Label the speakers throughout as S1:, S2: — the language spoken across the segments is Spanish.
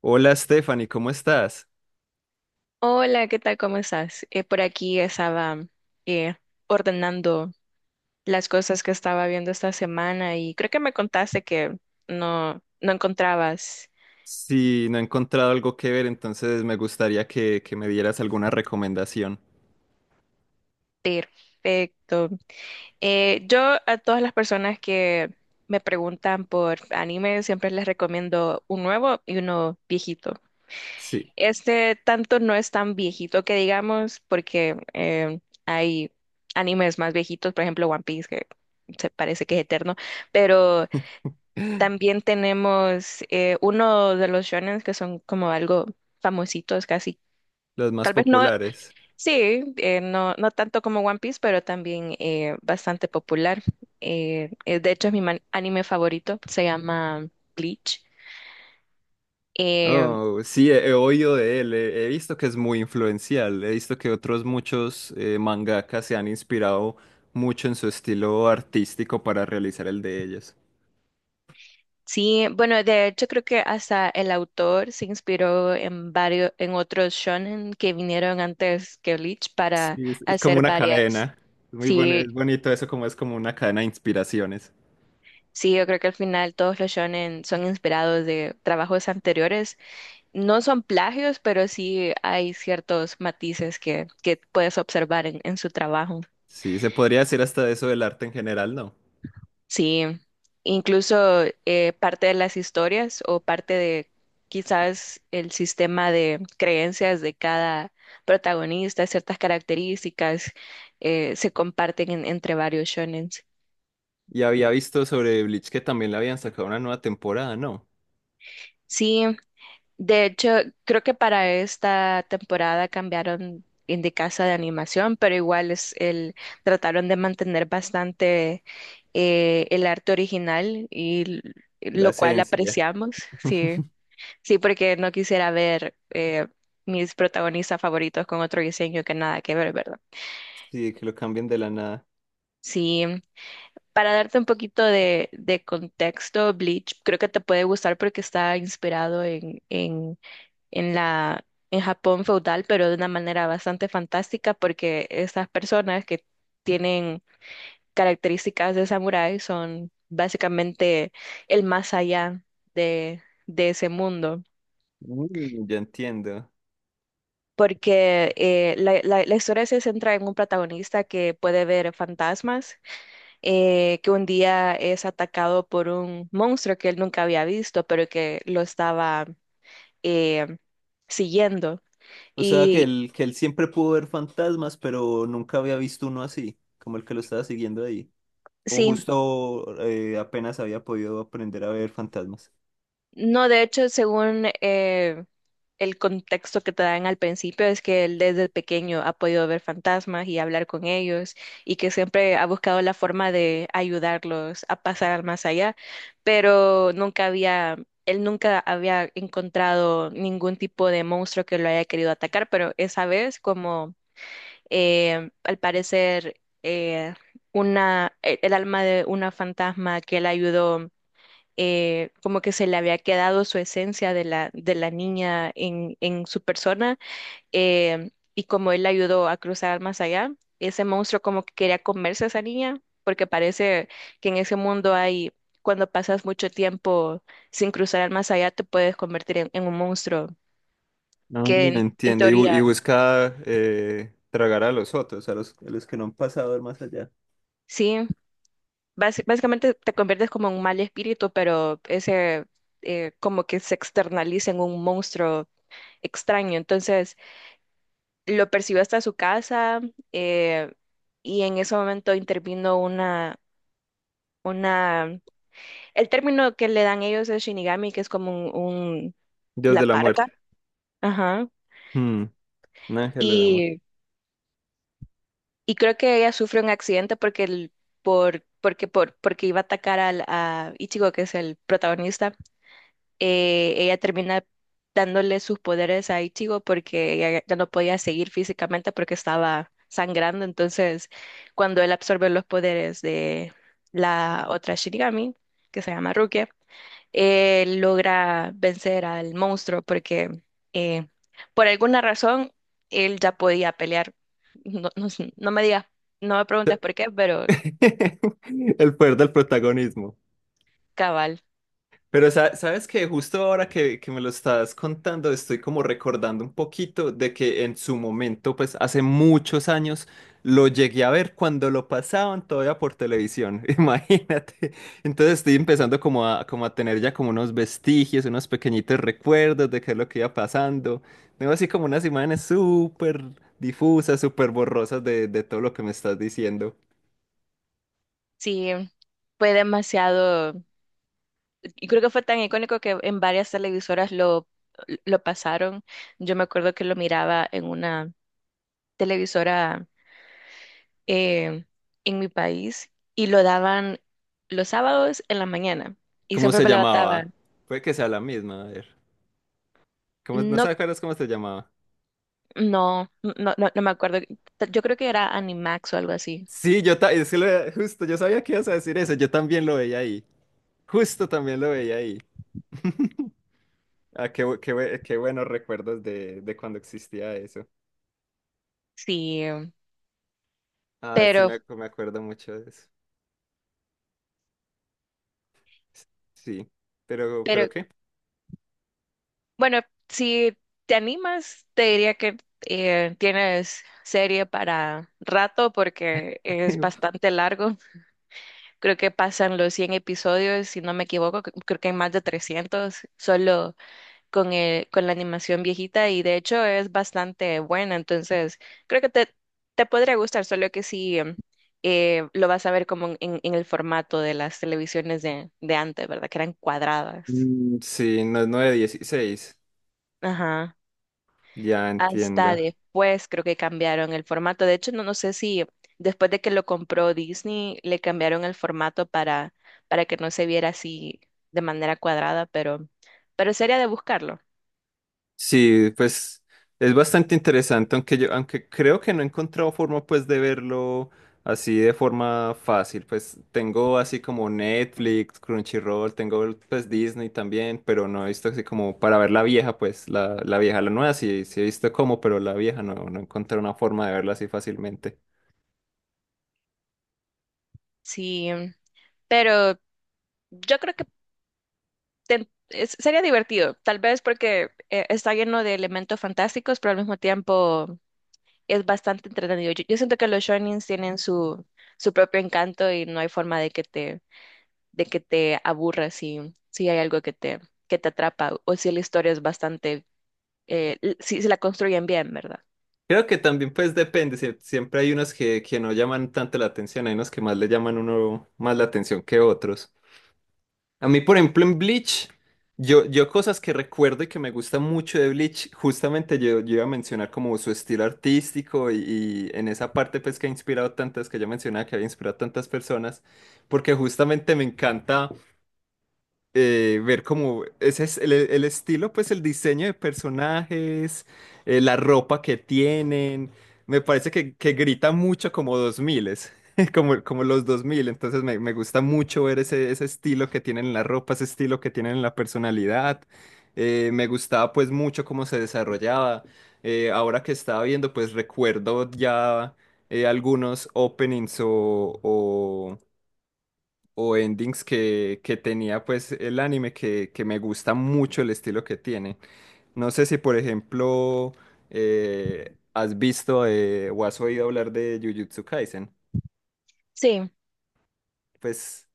S1: Hola Stephanie, ¿cómo estás?
S2: Hola, ¿qué tal? ¿Cómo estás? Por aquí estaba eh, ordenando las cosas que estaba viendo esta semana y creo que me contaste que no, no encontrabas.
S1: Si no he encontrado algo que ver, entonces me gustaría que me dieras alguna recomendación.
S2: Perfecto. Yo a todas las personas que me preguntan por anime siempre les recomiendo un nuevo y uno viejito.
S1: Sí,
S2: Este tanto no es tan viejito que digamos porque hay animes más viejitos, por ejemplo One Piece, que se parece que es eterno, pero también tenemos uno de los shonen que son como algo famositos casi.
S1: los más
S2: Tal vez no,
S1: populares.
S2: sí, no, no tanto como One Piece, pero también bastante popular. De hecho, es mi anime favorito, se llama Bleach. Eh,
S1: Oh, sí, he oído de él, he visto que es muy influencial, he visto que otros muchos mangakas se han inspirado mucho en su estilo artístico para realizar el de ellos.
S2: sí, bueno, de hecho creo que hasta el autor se inspiró en varios, en otros shonen que vinieron antes que Bleach para
S1: Sí, es como
S2: hacer
S1: una
S2: varias.
S1: cadena. Es muy bueno,
S2: Sí,
S1: es bonito eso, como es como una cadena de inspiraciones.
S2: sí, yo creo que al final todos los shonen son inspirados de trabajos anteriores. No son plagios, pero sí hay ciertos matices que, puedes observar en su trabajo.
S1: Sí, se podría decir hasta de eso del arte en general, ¿no?
S2: Sí, incluso parte de las historias o parte de quizás el sistema de creencias de cada protagonista, ciertas características se comparten entre varios shonens.
S1: Y había visto sobre Bleach que también le habían sacado una nueva temporada, ¿no?
S2: Sí, de hecho, creo que para esta temporada cambiaron en de casa de animación, pero igual trataron de mantener bastante el arte original y
S1: La
S2: lo cual
S1: esencia.
S2: apreciamos, sí, sí, porque no quisiera ver mis protagonistas favoritos con otro diseño que nada que ver, ¿verdad?
S1: Sí, que lo cambien de la nada.
S2: Sí, para darte un poquito de, contexto. Bleach creo que te puede gustar porque está inspirado en la, en Japón feudal, pero de una manera bastante fantástica porque estas personas que tienen características de samurái son básicamente el más allá de, de ese mundo.
S1: Mm, ya entiendo.
S2: Porque la historia se centra en un protagonista que puede ver fantasmas, que un día es atacado por un monstruo que él nunca había visto, pero que lo estaba eh, siguiendo.
S1: O sea,
S2: Y
S1: que él siempre pudo ver fantasmas, pero nunca había visto uno así, como el que lo estaba siguiendo ahí. O
S2: sí,
S1: justo apenas había podido aprender a ver fantasmas.
S2: no, de hecho, según el contexto que te dan al principio, es que él desde pequeño ha podido ver fantasmas y hablar con ellos y que siempre ha buscado la forma de ayudarlos a pasar al más allá, pero nunca había, él nunca había encontrado ningún tipo de monstruo que lo haya querido atacar, pero esa vez, como al parecer, una, el alma de una fantasma que él ayudó, como que se le había quedado su esencia de la, niña en su persona, y como él la ayudó a cruzar más allá, ese monstruo como que quería comerse a esa niña, porque parece que en ese mundo hay, cuando pasas mucho tiempo sin cruzar al más allá, te puedes convertir en, un monstruo,
S1: No.
S2: que en
S1: Entiendo y y
S2: teoría,
S1: busca tragar a los otros, a los que no han pasado al más allá.
S2: sí, básicamente te conviertes como en un mal espíritu, pero como que se externaliza en un monstruo extraño. Entonces, lo persiguió hasta su casa, eh, y en ese momento intervino una, el término que le dan ellos es Shinigami, que es como
S1: Dios de
S2: la
S1: la
S2: parca,
S1: muerte.
S2: ajá,
S1: Mm, un ángel de la muerte.
S2: y, y creo que ella sufre un accidente porque el, por, porque iba a atacar a Ichigo, que es el protagonista. Ella termina dándole sus poderes a Ichigo porque ella ya no podía seguir físicamente porque estaba sangrando. Entonces, cuando él absorbe los poderes de la otra Shinigami, que se llama Rukia, él logra vencer al monstruo porque eh, por alguna razón él ya podía pelear. No, no sé, no me digas, no me preguntes por qué, pero
S1: El poder del protagonismo.
S2: cabal,
S1: Pero sabes que justo ahora que me lo estás contando, estoy como recordando un poquito de que en su momento, pues hace muchos años, lo llegué a ver cuando lo pasaban todavía por televisión, imagínate. Entonces estoy empezando como a, como a tener ya como unos vestigios, unos pequeñitos recuerdos de qué es lo que iba pasando. Tengo así como unas imágenes súper difusas, súper borrosas de todo lo que me estás diciendo.
S2: sí, fue demasiado. Y creo que fue tan icónico que en varias televisoras lo, pasaron. Yo me acuerdo que lo miraba en una televisora eh, en mi país y lo daban los sábados en la mañana. Y
S1: ¿Cómo
S2: siempre
S1: se
S2: me levantaba.
S1: llamaba? Puede que sea la misma, a ver. ¿Cómo, no
S2: No,
S1: sabes cuál es cómo se llamaba?
S2: no, no, no, no me acuerdo. Yo creo que era Animax o algo así.
S1: Sí, yo es que justo, yo sabía que ibas a decir eso, yo también lo veía ahí. Justo también lo veía ahí. Ah, qué, qué buenos recuerdos de cuando existía eso.
S2: Sí,
S1: Ah, sí,
S2: pero,
S1: me acuerdo mucho de eso. S- Sí, ¿pero
S2: pero
S1: qué?
S2: bueno, si te animas, te diría que tienes serie para rato porque es bastante largo. Creo que pasan los 100 episodios, si no me equivoco. Cre- creo que hay más de 300 solo con la animación viejita, y de hecho es bastante buena, entonces creo que te, podría gustar, solo que sí, lo vas a ver como en, el formato de las televisiones de antes, ¿verdad? Que eran cuadradas.
S1: Mm, sí, no es 9:16.
S2: Ajá.
S1: Ya
S2: Hasta
S1: entiendo.
S2: después creo que cambiaron el formato. De hecho, no, no sé si después de que lo compró Disney le cambiaron el formato para, que no se viera así de manera cuadrada, pero sería de buscarlo.
S1: Sí, pues es bastante interesante, aunque yo, aunque creo que no he encontrado forma pues de verlo así de forma fácil. Pues tengo así como Netflix, Crunchyroll, tengo pues Disney también, pero no he visto así como para ver la vieja, pues la vieja, la nueva sí, sí he visto cómo, pero la vieja no, no encontré una forma de verla así fácilmente.
S2: Sí, pero yo creo que sería divertido, tal vez porque está lleno de elementos fantásticos, pero al mismo tiempo es bastante entretenido. Yo siento que los shonins tienen su, su propio encanto y no hay forma de que te aburra si hay algo que te atrapa, o si la historia es bastante, si la construyen bien, ¿verdad?
S1: Creo que también pues depende, siempre hay unos que no llaman tanto la atención, hay unos que más le llaman uno más la atención que otros. A mí, por ejemplo, en Bleach, yo cosas que recuerdo y que me gusta mucho de Bleach, justamente yo iba a mencionar como su estilo artístico y en esa parte pues que ha inspirado tantas, que yo mencionaba que había inspirado tantas personas, porque justamente me encanta ver cómo ese es el estilo, pues el diseño de personajes, la ropa que tienen, me parece que grita mucho como 2000, como, como los dos mil. Entonces me gusta mucho ver ese estilo que tienen en la ropa, ese estilo que tienen en la personalidad. Me gustaba pues mucho cómo se desarrollaba. Ahora que estaba viendo pues recuerdo ya algunos openings o endings que tenía pues el anime, que me gusta mucho el estilo que tiene. No sé si por ejemplo has visto, o has oído hablar de Jujutsu Kaisen.
S2: Sí,
S1: Pues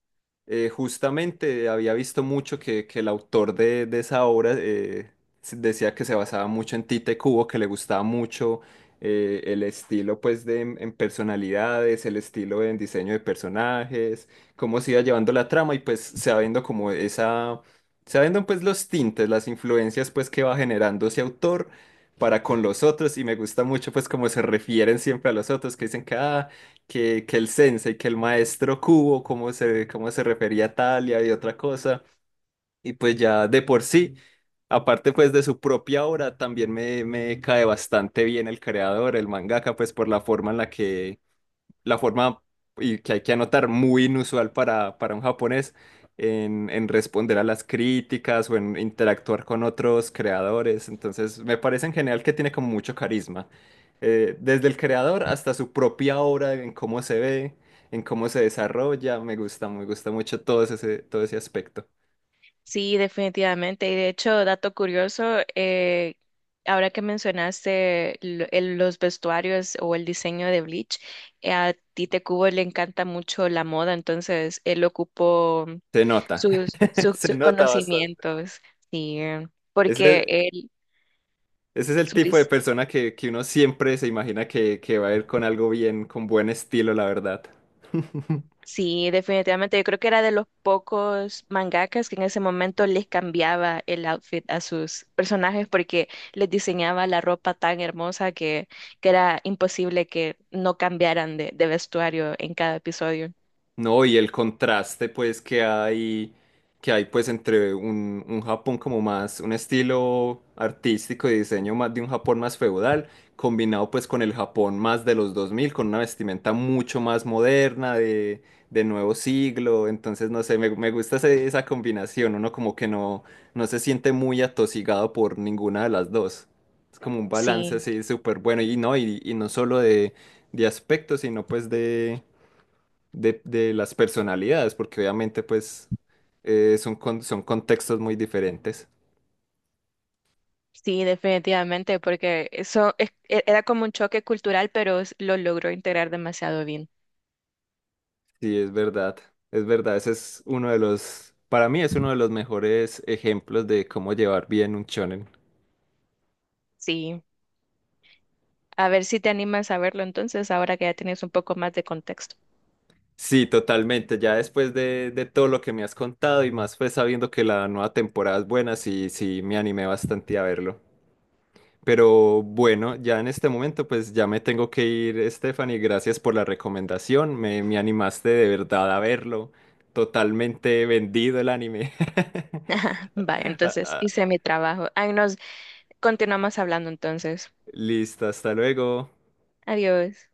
S1: justamente había visto mucho que el autor de esa obra decía que se basaba mucho en Tite Kubo, que le gustaba mucho el estilo pues de, en personalidades, el estilo en diseño de personajes, cómo se iba llevando la trama, y pues sabiendo como esa, sabiendo pues los tintes, las influencias pues que va generando ese autor para con los otros. Y me gusta mucho pues cómo se refieren siempre a los otros, que dicen que ah, que el sensei, que el maestro Kubo, cómo se refería a Talia y otra cosa. Y pues ya de por sí, aparte pues de su propia obra, también me cae bastante bien el creador, el mangaka, pues por la forma en la que, la forma, y que hay que anotar muy inusual para un japonés en responder a las críticas o en interactuar con otros creadores. Entonces me parece en general que tiene como mucho carisma, desde el creador hasta su propia obra, en cómo se ve, en cómo se desarrolla. Me gusta mucho todo ese aspecto.
S2: sí, definitivamente. Y de hecho, dato curioso, ahora que mencionaste los vestuarios o el diseño de Bleach, a Tite Kubo le encanta mucho la moda, entonces él ocupó
S1: Se nota,
S2: sus, sus,
S1: se
S2: sus
S1: nota bastante.
S2: conocimientos, sí, porque
S1: Ese,
S2: él,
S1: ese es el
S2: su
S1: tipo de
S2: dis-
S1: persona que uno siempre se imagina que va a ir con algo bien, con buen estilo, la verdad.
S2: sí, definitivamente, yo creo que era de los pocos mangakas que en ese momento les cambiaba el outfit a sus personajes porque les diseñaba la ropa tan hermosa que, era imposible que no cambiaran de vestuario en cada episodio.
S1: No, y el contraste pues que hay pues entre un Japón como más, un estilo artístico y diseño más de un Japón más feudal, combinado pues con el Japón más de los 2000, con una vestimenta mucho más moderna, de nuevo siglo, entonces no sé, me gusta esa combinación, uno como que no, no se siente muy atosigado por ninguna de las dos. Es como un balance
S2: Sí,
S1: así súper bueno, y no solo de aspecto, sino pues de las personalidades, porque obviamente pues son, son contextos muy diferentes.
S2: sí, definitivamente, porque eso era como un choque cultural, pero lo logró integrar demasiado bien.
S1: Sí, es verdad, ese es uno de los, para mí es uno de los mejores ejemplos de cómo llevar bien un shonen.
S2: Sí. A ver si te animas a verlo entonces, ahora que ya tienes un poco más de contexto.
S1: Sí, totalmente, ya después de todo lo que me has contado, y más pues sabiendo que la nueva temporada es buena, sí, sí me animé bastante a verlo. Pero bueno, ya en este momento pues ya me tengo que ir, Stephanie. Gracias por la recomendación. Me animaste de verdad a verlo. Totalmente vendido el anime.
S2: Vale,
S1: Ah,
S2: entonces
S1: ah,
S2: hice mi trabajo. Ahí nos continuamos hablando entonces.
S1: listo, hasta luego.
S2: Adiós.